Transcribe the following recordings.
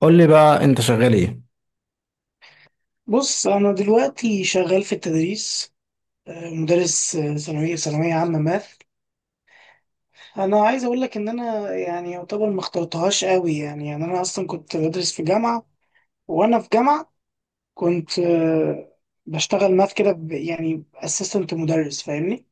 قول لي بقى انت شغال ايه؟ بص، أنا دلوقتي شغال في التدريس. مدرس. ثانوية عامة ماث. أنا عايز أقول لك إن أنا يعني يعتبر ما اخترتهاش قوي يعني أنا أصلا كنت بدرس في جامعة. وأنا في جامعة كنت بشتغل ماث كده، يعني أسيستنت مدرس، فاهمني؟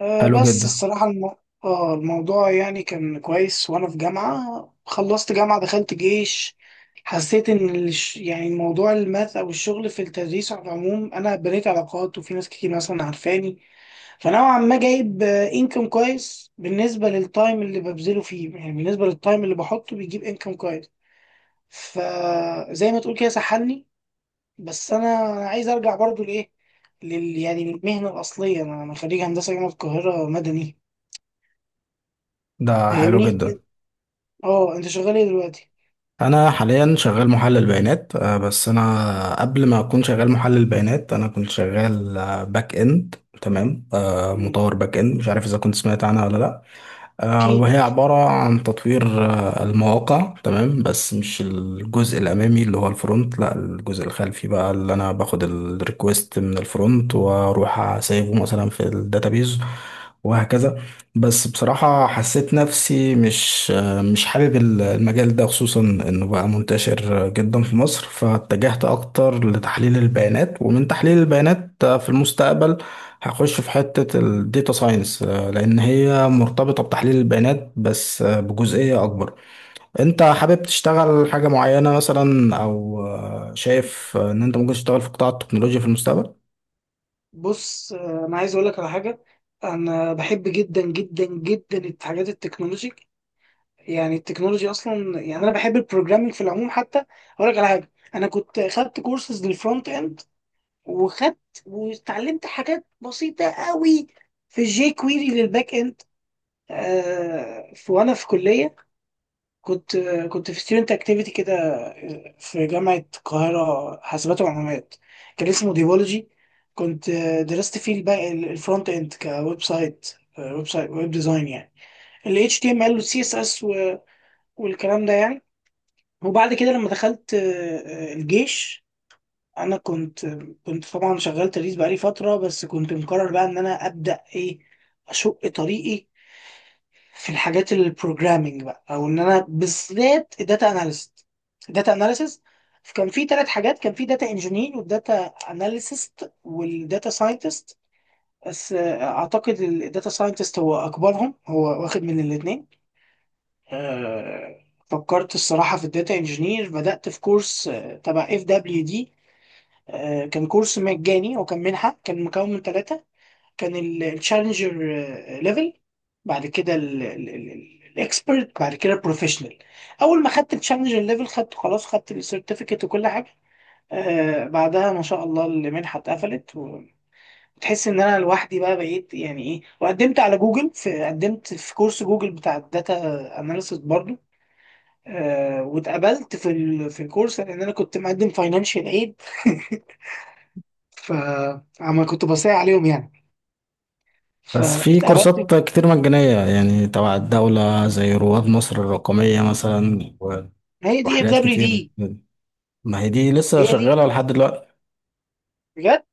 حلو بس جدا. الصراحة الموضوع يعني كان كويس. وأنا في جامعة خلصت جامعة دخلت جيش. حسيت إن يعني الموضوع الماث أو الشغل في التدريس على العموم، أنا بنيت علاقات وفي ناس كتير مثلا عارفاني. فنوعا ما جايب إنكم كويس بالنسبة للتايم اللي ببذله فيه، يعني بالنسبة للتايم اللي بحطه بيجيب إنكم كويس. فزي ما تقول كده سحلني. بس أنا عايز أرجع برضو لإيه، يعني للمهنة الأصلية. أنا خريج هندسة جامعة القاهرة مدني، ده حلو فاهمني؟ جدا. اه، انت شغال ايه دلوقتي؟ انا حاليا شغال محلل بيانات، بس انا قبل ما اكون شغال محلل بيانات انا كنت شغال باك اند. تمام، مم. مطور باك اند. مش عارف اذا كنت سمعت عنها ولا لا؟ اكيد. وهي عبارة عن تطوير المواقع. تمام، بس مش الجزء الأمامي اللي هو الفرونت، لا الجزء الخلفي بقى اللي أنا باخد الريكوست من الفرونت وأروح أسيبه مثلا في الداتابيز وهكذا. بس بصراحة حسيت نفسي مش حابب المجال ده، خصوصا إنه بقى منتشر جدا في مصر. فاتجهت أكتر لتحليل البيانات، ومن تحليل البيانات في المستقبل هخش في حتة الديتا ساينس، لأن هي مرتبطة بتحليل البيانات بس بجزئية أكبر. أنت حابب تشتغل حاجة معينة مثلا، أو شايف إن أنت ممكن تشتغل في قطاع التكنولوجيا في المستقبل؟ بص، انا عايز اقول لك على حاجه. انا بحب جدا جدا جدا الحاجات التكنولوجي، يعني التكنولوجي اصلا. يعني انا بحب البروجرامينج في العموم حتى. اقول لك على حاجه، انا كنت خدت كورسز للفرونت اند، وخدت واتعلمت حاجات بسيطه قوي في جي كويري للباك اند. آه، في وانا في كليه كنت كنت في ستودنت اكتيفيتي كده، في جامعة القاهرة حاسبات ومعلومات، كان اسمه ديفولوجي. كنت درست فيه الباقي الفرونت اند كويب سايت، ويب سايت ويب ديزاين يعني، ال HTML وال CSS والكلام ده يعني. وبعد كده لما دخلت الجيش، انا كنت. طبعا شغال تدريس بقالي فترة، بس كنت مقرر بقى ان انا ابدأ ايه، اشق طريقي في الحاجات البروجرامينج بقى، او ان انا بالذات الداتا اناليست، الداتا اناليسيس. كان في ثلاث حاجات: كان في داتا انجينير والداتا اناليسيست والداتا ساينتست. بس اعتقد الداتا ساينتست هو اكبرهم، هو واخد من الاثنين. فكرت الصراحه في الداتا انجينير، بدات في كورس تبع اف دبليو دي. كان كورس مجاني وكان منحه، كان مكون من ثلاثه: كان التشالنجر ليفل، بعد كده الاكسبرت، بعد كده البروفيشنال. اول ما خدت التشالنجر ليفل خدت، خلاص خدت السيرتيفيكت وكل حاجه. بعدها ما شاء الله المنحه اتقفلت، وتحس ان انا لوحدي بقى بقيت يعني ايه. وقدمت على جوجل، في قدمت في كورس جوجل بتاع الداتا اناليسيس برضو. واتقبلت في الكورس لان انا كنت مقدم فاينانشال ايد فعما كنت بصيع عليهم يعني، بس في فاتقبلت. كورسات كتير مجانية يعني تبع الدولة، زي رواد مصر الرقمية مثلا ما هي دي اف وحاجات دبليو كتير. دي، ما هي دي لسه هي دي، شغالة لحد دلوقتي؟ بجد.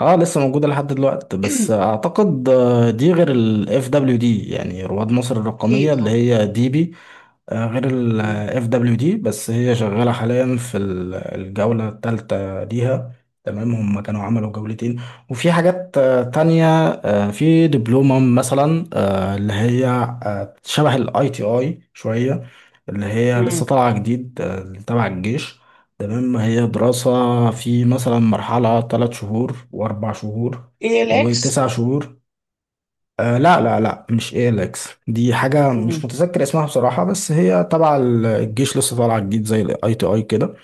اه، لسه موجودة لحد دلوقتي، بس اعتقد دي غير ال FWD. يعني رواد مصر الرقمية اكيد اللي اه. هي دي بي، غير ال مم. اف دبليو دي، بس هي شغالة حاليا في الجولة الثالثة ليها. تمام، هم كانوا عملوا جولتين. وفي حاجات تانية، في دبلومة مثلا اللي هي شبه الاي تي اي شوية، اللي هي لسه مم. طالعة جديد تبع الجيش. تمام، هي دراسة في مثلا مرحلة تلات شهور وأربع شهور ايه الاكس؟ وتسع شهور. آه لا لا لا مش ايلكس، دي حاجة مش مم. متذكر اسمها بصراحة، بس هي تبع الجيش لسه طالعة جديد زي الاي تي اي كده.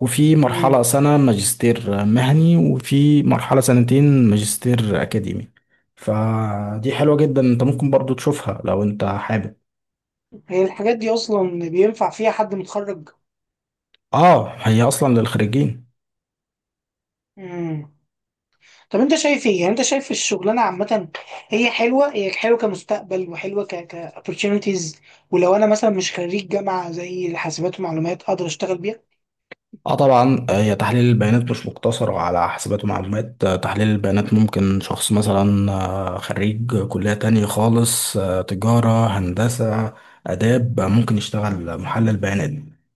وفي مم. مرحلة سنة ماجستير مهني، وفي مرحلة سنتين ماجستير اكاديمي. فدي حلوة جدا، انت ممكن برضو تشوفها لو انت حابب. هي الحاجات دي اصلا بينفع فيها حد متخرج؟ اه هي اصلا للخريجين. مم. طب انت شايف ايه، يعني انت شايف الشغلانه عامه، هي حلوه؟ هي حلوه كمستقبل وحلوه ك opportunities؟ ولو انا مثلا مش خريج جامعه زي حاسبات ومعلومات اقدر اشتغل بيها؟ اه طبعا، هي تحليل البيانات مش مقتصر على حسابات ومعلومات، تحليل البيانات ممكن شخص مثلا خريج كلية تانية خالص، تجارة، هندسة، آداب، ممكن يشتغل محلل بيانات.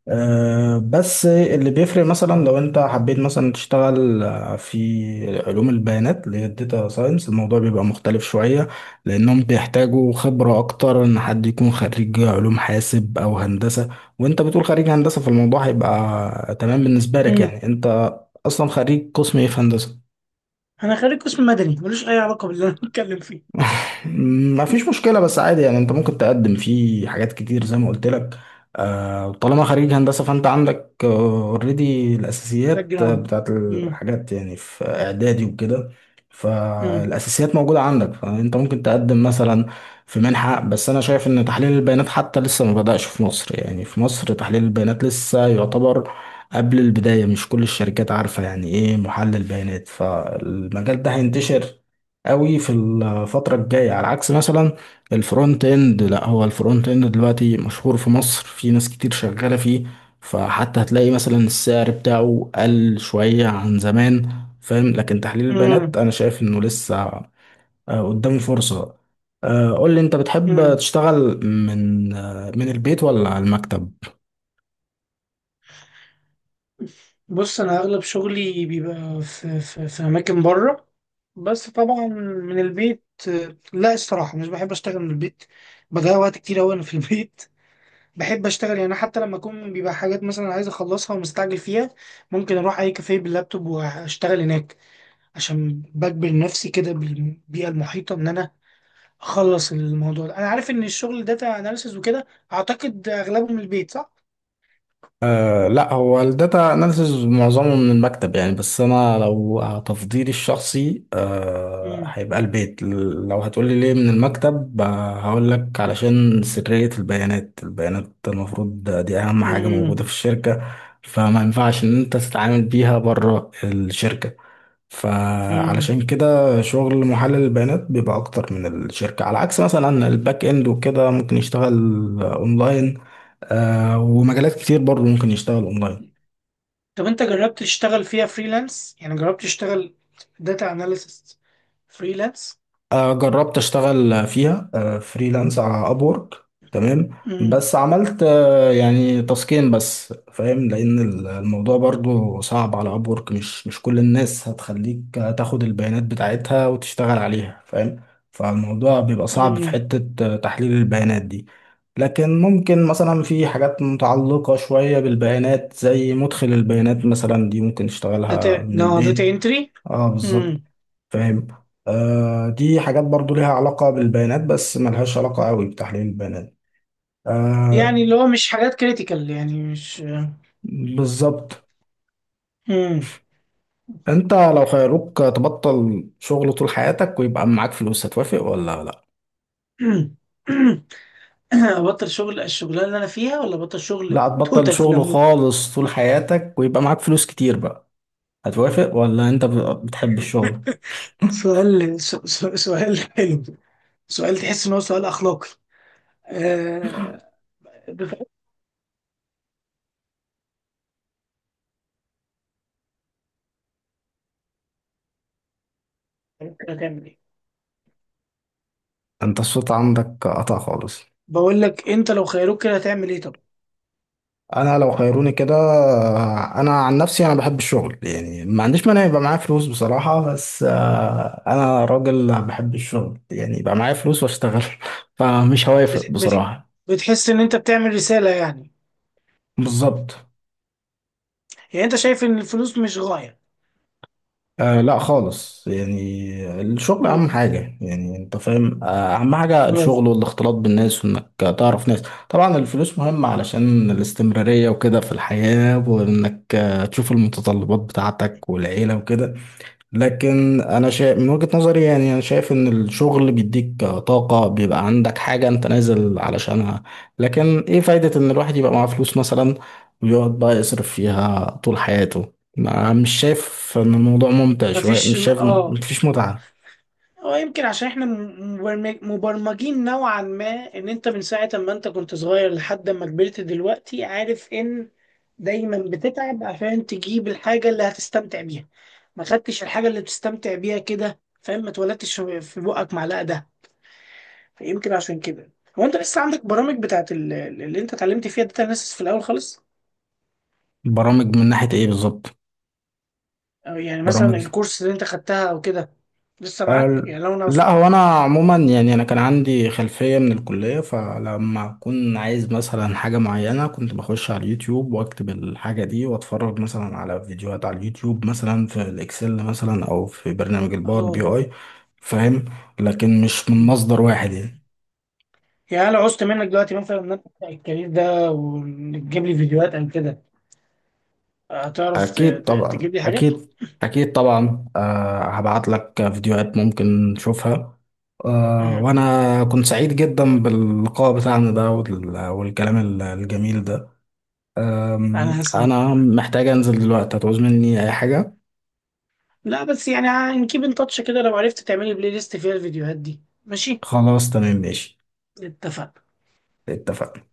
بس اللي بيفرق مثلا لو انت حبيت مثلا تشتغل في علوم البيانات اللي هي الداتا ساينس، الموضوع بيبقى مختلف شوية. لأنهم بيحتاجوا خبرة أكتر إن حد يكون خريج علوم حاسب أو هندسة. وانت بتقول خريج هندسة، فالموضوع هيبقى تمام بالنسبة لك، مم. يعني انت اصلا خريج قسم ايه في هندسة؟ انا خريج قسم مدني، ملوش اي علاقه باللي انا بتكلم فيه. ما فيش مشكلة، بس عادي يعني انت ممكن تقدم فيه حاجات كتير زي ما قلت لك. طالما خريج هندسة فانت عندك اوريدي باك الاساسيات جراوند. بتاعت مم. الحاجات يعني في اعدادي وكده. مم. فالاساسيات موجودة عندك، فانت ممكن تقدم مثلا في منحة. بس انا شايف ان تحليل البيانات حتى لسه ما بدأش في مصر، يعني في مصر تحليل البيانات لسه يعتبر قبل البداية. مش كل الشركات عارفة يعني ايه محلل بيانات، فالمجال ده هينتشر قوي في الفترة الجاية، على عكس مثلا الفرونت اند. لا، هو الفرونت اند دلوقتي مشهور في مصر، في ناس كتير شغالة فيه، فحتى هتلاقي مثلا السعر بتاعه قل شوية عن زمان. فاهم، لكن تحليل البيانات مم. انا شايف انه لسه قدامه فرصة. قول لي انت بتحب مم. تشتغل من من البيت ولا على المكتب؟ بص، انا اغلب شغلي بيبقى في، في اماكن بره، بس طبعا من البيت. لا الصراحه مش بحب اشتغل من البيت. بضيع وقت كتير اوي انا في البيت بحب اشتغل، يعني حتى لما اكون بيبقى حاجات مثلا عايز اخلصها ومستعجل فيها، ممكن اروح اي كافيه باللابتوب واشتغل هناك، عشان بجبر نفسي كده بالبيئه المحيطه ان انا اخلص الموضوع ده. انا عارف ان الشغل داتا اناليسز وكده، اعتقد اغلبه من البيت صح؟ أه لا، هو الداتا اناليسز معظمه من المكتب يعني. بس انا لو تفضيلي الشخصي امم. هيبقى البيت. لو هتقولي ليه من المكتب هقول لك علشان سرية البيانات. البيانات المفروض دي اهم حاجة موجودة في الشركة، فما ينفعش ان انت تتعامل بيها بره الشركة. امم. فعلشان كده شغل محلل البيانات بيبقى اكتر من الشركة، على عكس مثلا الباك اند وكده ممكن يشتغل اونلاين. ومجالات كتير برضه ممكن يشتغل اونلاين. طب انت جربت تشتغل فيها فريلانس، يعني جربت تشتغل داتا اناليسيس فريلانس؟ جربت اشتغل فيها فريلانس على ابورك. تمام، امم. بس عملت يعني تاسكين بس فاهم، لان الموضوع برضو صعب على ابورك، مش كل الناس هتخليك تاخد البيانات بتاعتها وتشتغل عليها، فاهم. فالموضوع بيبقى صعب في امم. حتة تحليل البيانات دي. لكن ممكن مثلا في حاجات متعلقة شوية بالبيانات زي مدخل البيانات مثلا، دي ممكن داتا تشتغلها من نو داتا البيت. انتري. اه امم. بالظبط. فاهم. آه، دي حاجات برضو ليها علاقة بالبيانات، بس ملهاش علاقة قوي بتحليل البيانات. آه يعني اللي هو مش حاجات كريتيكال يعني مش. بالظبط. امم. انت لو خيروك تبطل شغل طول حياتك ويبقى معاك فلوس، هتوافق ولا لا؟ ابطل شغل الشغلانه اللي انا فيها ولا ابطل شغل لا، هتبطل توتال في شغل العموم؟ خالص طول حياتك ويبقى معاك فلوس كتير بقى. هتوافق ولا انت بتحب الشغل؟ سؤال، سؤال حلو. سؤال تحس ان هو سؤال اخلاقي. أه... بفكر. هتعمل ايه؟ انت الصوت عندك قطع خالص. بقول لك انت لو خيروك كده هتعمل ايه طب؟ انا لو خيروني كده، انا عن نفسي انا بحب الشغل يعني، ما عنديش مانع يبقى معايا فلوس بصراحة، بس انا راجل بحب الشغل، يعني يبقى معايا فلوس واشتغل. فمش هوافق بت... بت... بصراحة. بتحس ان انت بتعمل رسالة يعني؟ بالظبط. يعني انت شايف ان الفلوس مش غاية؟ آه لا خالص، يعني الشغل اهم امم. حاجة، يعني انت فاهم. اهم حاجة برافو. الشغل والاختلاط بالناس، وانك تعرف ناس. طبعا الفلوس مهمة علشان الاستمرارية وكده في الحياة، وانك تشوف المتطلبات بتاعتك والعيلة وكده. لكن انا شايف من وجهة نظري، يعني انا شايف ان الشغل بيديك طاقة، بيبقى عندك حاجة انت نازل علشانها. لكن ايه فايدة ان الواحد يبقى معاه فلوس مثلا، ويقعد بقى يصرف فيها طول حياته؟ مش شايف ان الموضوع ممتع شوية؟ مفيش مش شايف؟ اه. مفيش متعة. هو يمكن عشان احنا مبرمجين نوعا ما، ان انت من ساعة ما انت كنت صغير لحد ما كبرت دلوقتي عارف ان دايما بتتعب عشان تجيب الحاجة اللي هتستمتع بيها، ما خدتش الحاجة اللي بتستمتع بيها كده، فاهم؟ ما اتولدتش في بقك معلقة ده. فيمكن عشان كده، هو انت لسه عندك برامج بتاعت اللي انت اتعلمت فيها داتا اناليسيس في الاول خالص، برامج من ناحية ايه بالظبط؟ أو يعني مثلا برامج. الكورس اللي انت خدتها او كده، لسه معاك؟ أه، يعني لو انا عوزت. لا هو انا عموما يعني انا كان عندي خلفيه من الكليه، فلما اكون عايز مثلا حاجه معينه كنت بخش على اليوتيوب واكتب الحاجه دي واتفرج مثلا على فيديوهات على اليوتيوب، مثلا في الاكسل مثلا او في برنامج الباور بي اه. اي. فاهم، لكن مش من مم. مصدر واحد يعني. يعني لو عوزت منك دلوقتي مثلا ان انا أبدأ الكارير ده، وتجيب لي فيديوهات او كده، هتعرف اكيد طبعا، تجيب لي حاجات؟ اكيد. اكيد طبعا، هبعت لك فيديوهات ممكن تشوفها. مم. وانا كنت سعيد جدا باللقاء بتاعنا ده والكلام الجميل ده. انا هسعد انا والله. محتاج انزل دلوقتي، هتعوز مني اي حاجة؟ لا بس يعني نكيب ان تاتش كده، لو عرفت تعملي بلاي ليست فيها الفيديوهات دي ماشي. خلاص تمام ماشي. اتفق. اتفقنا.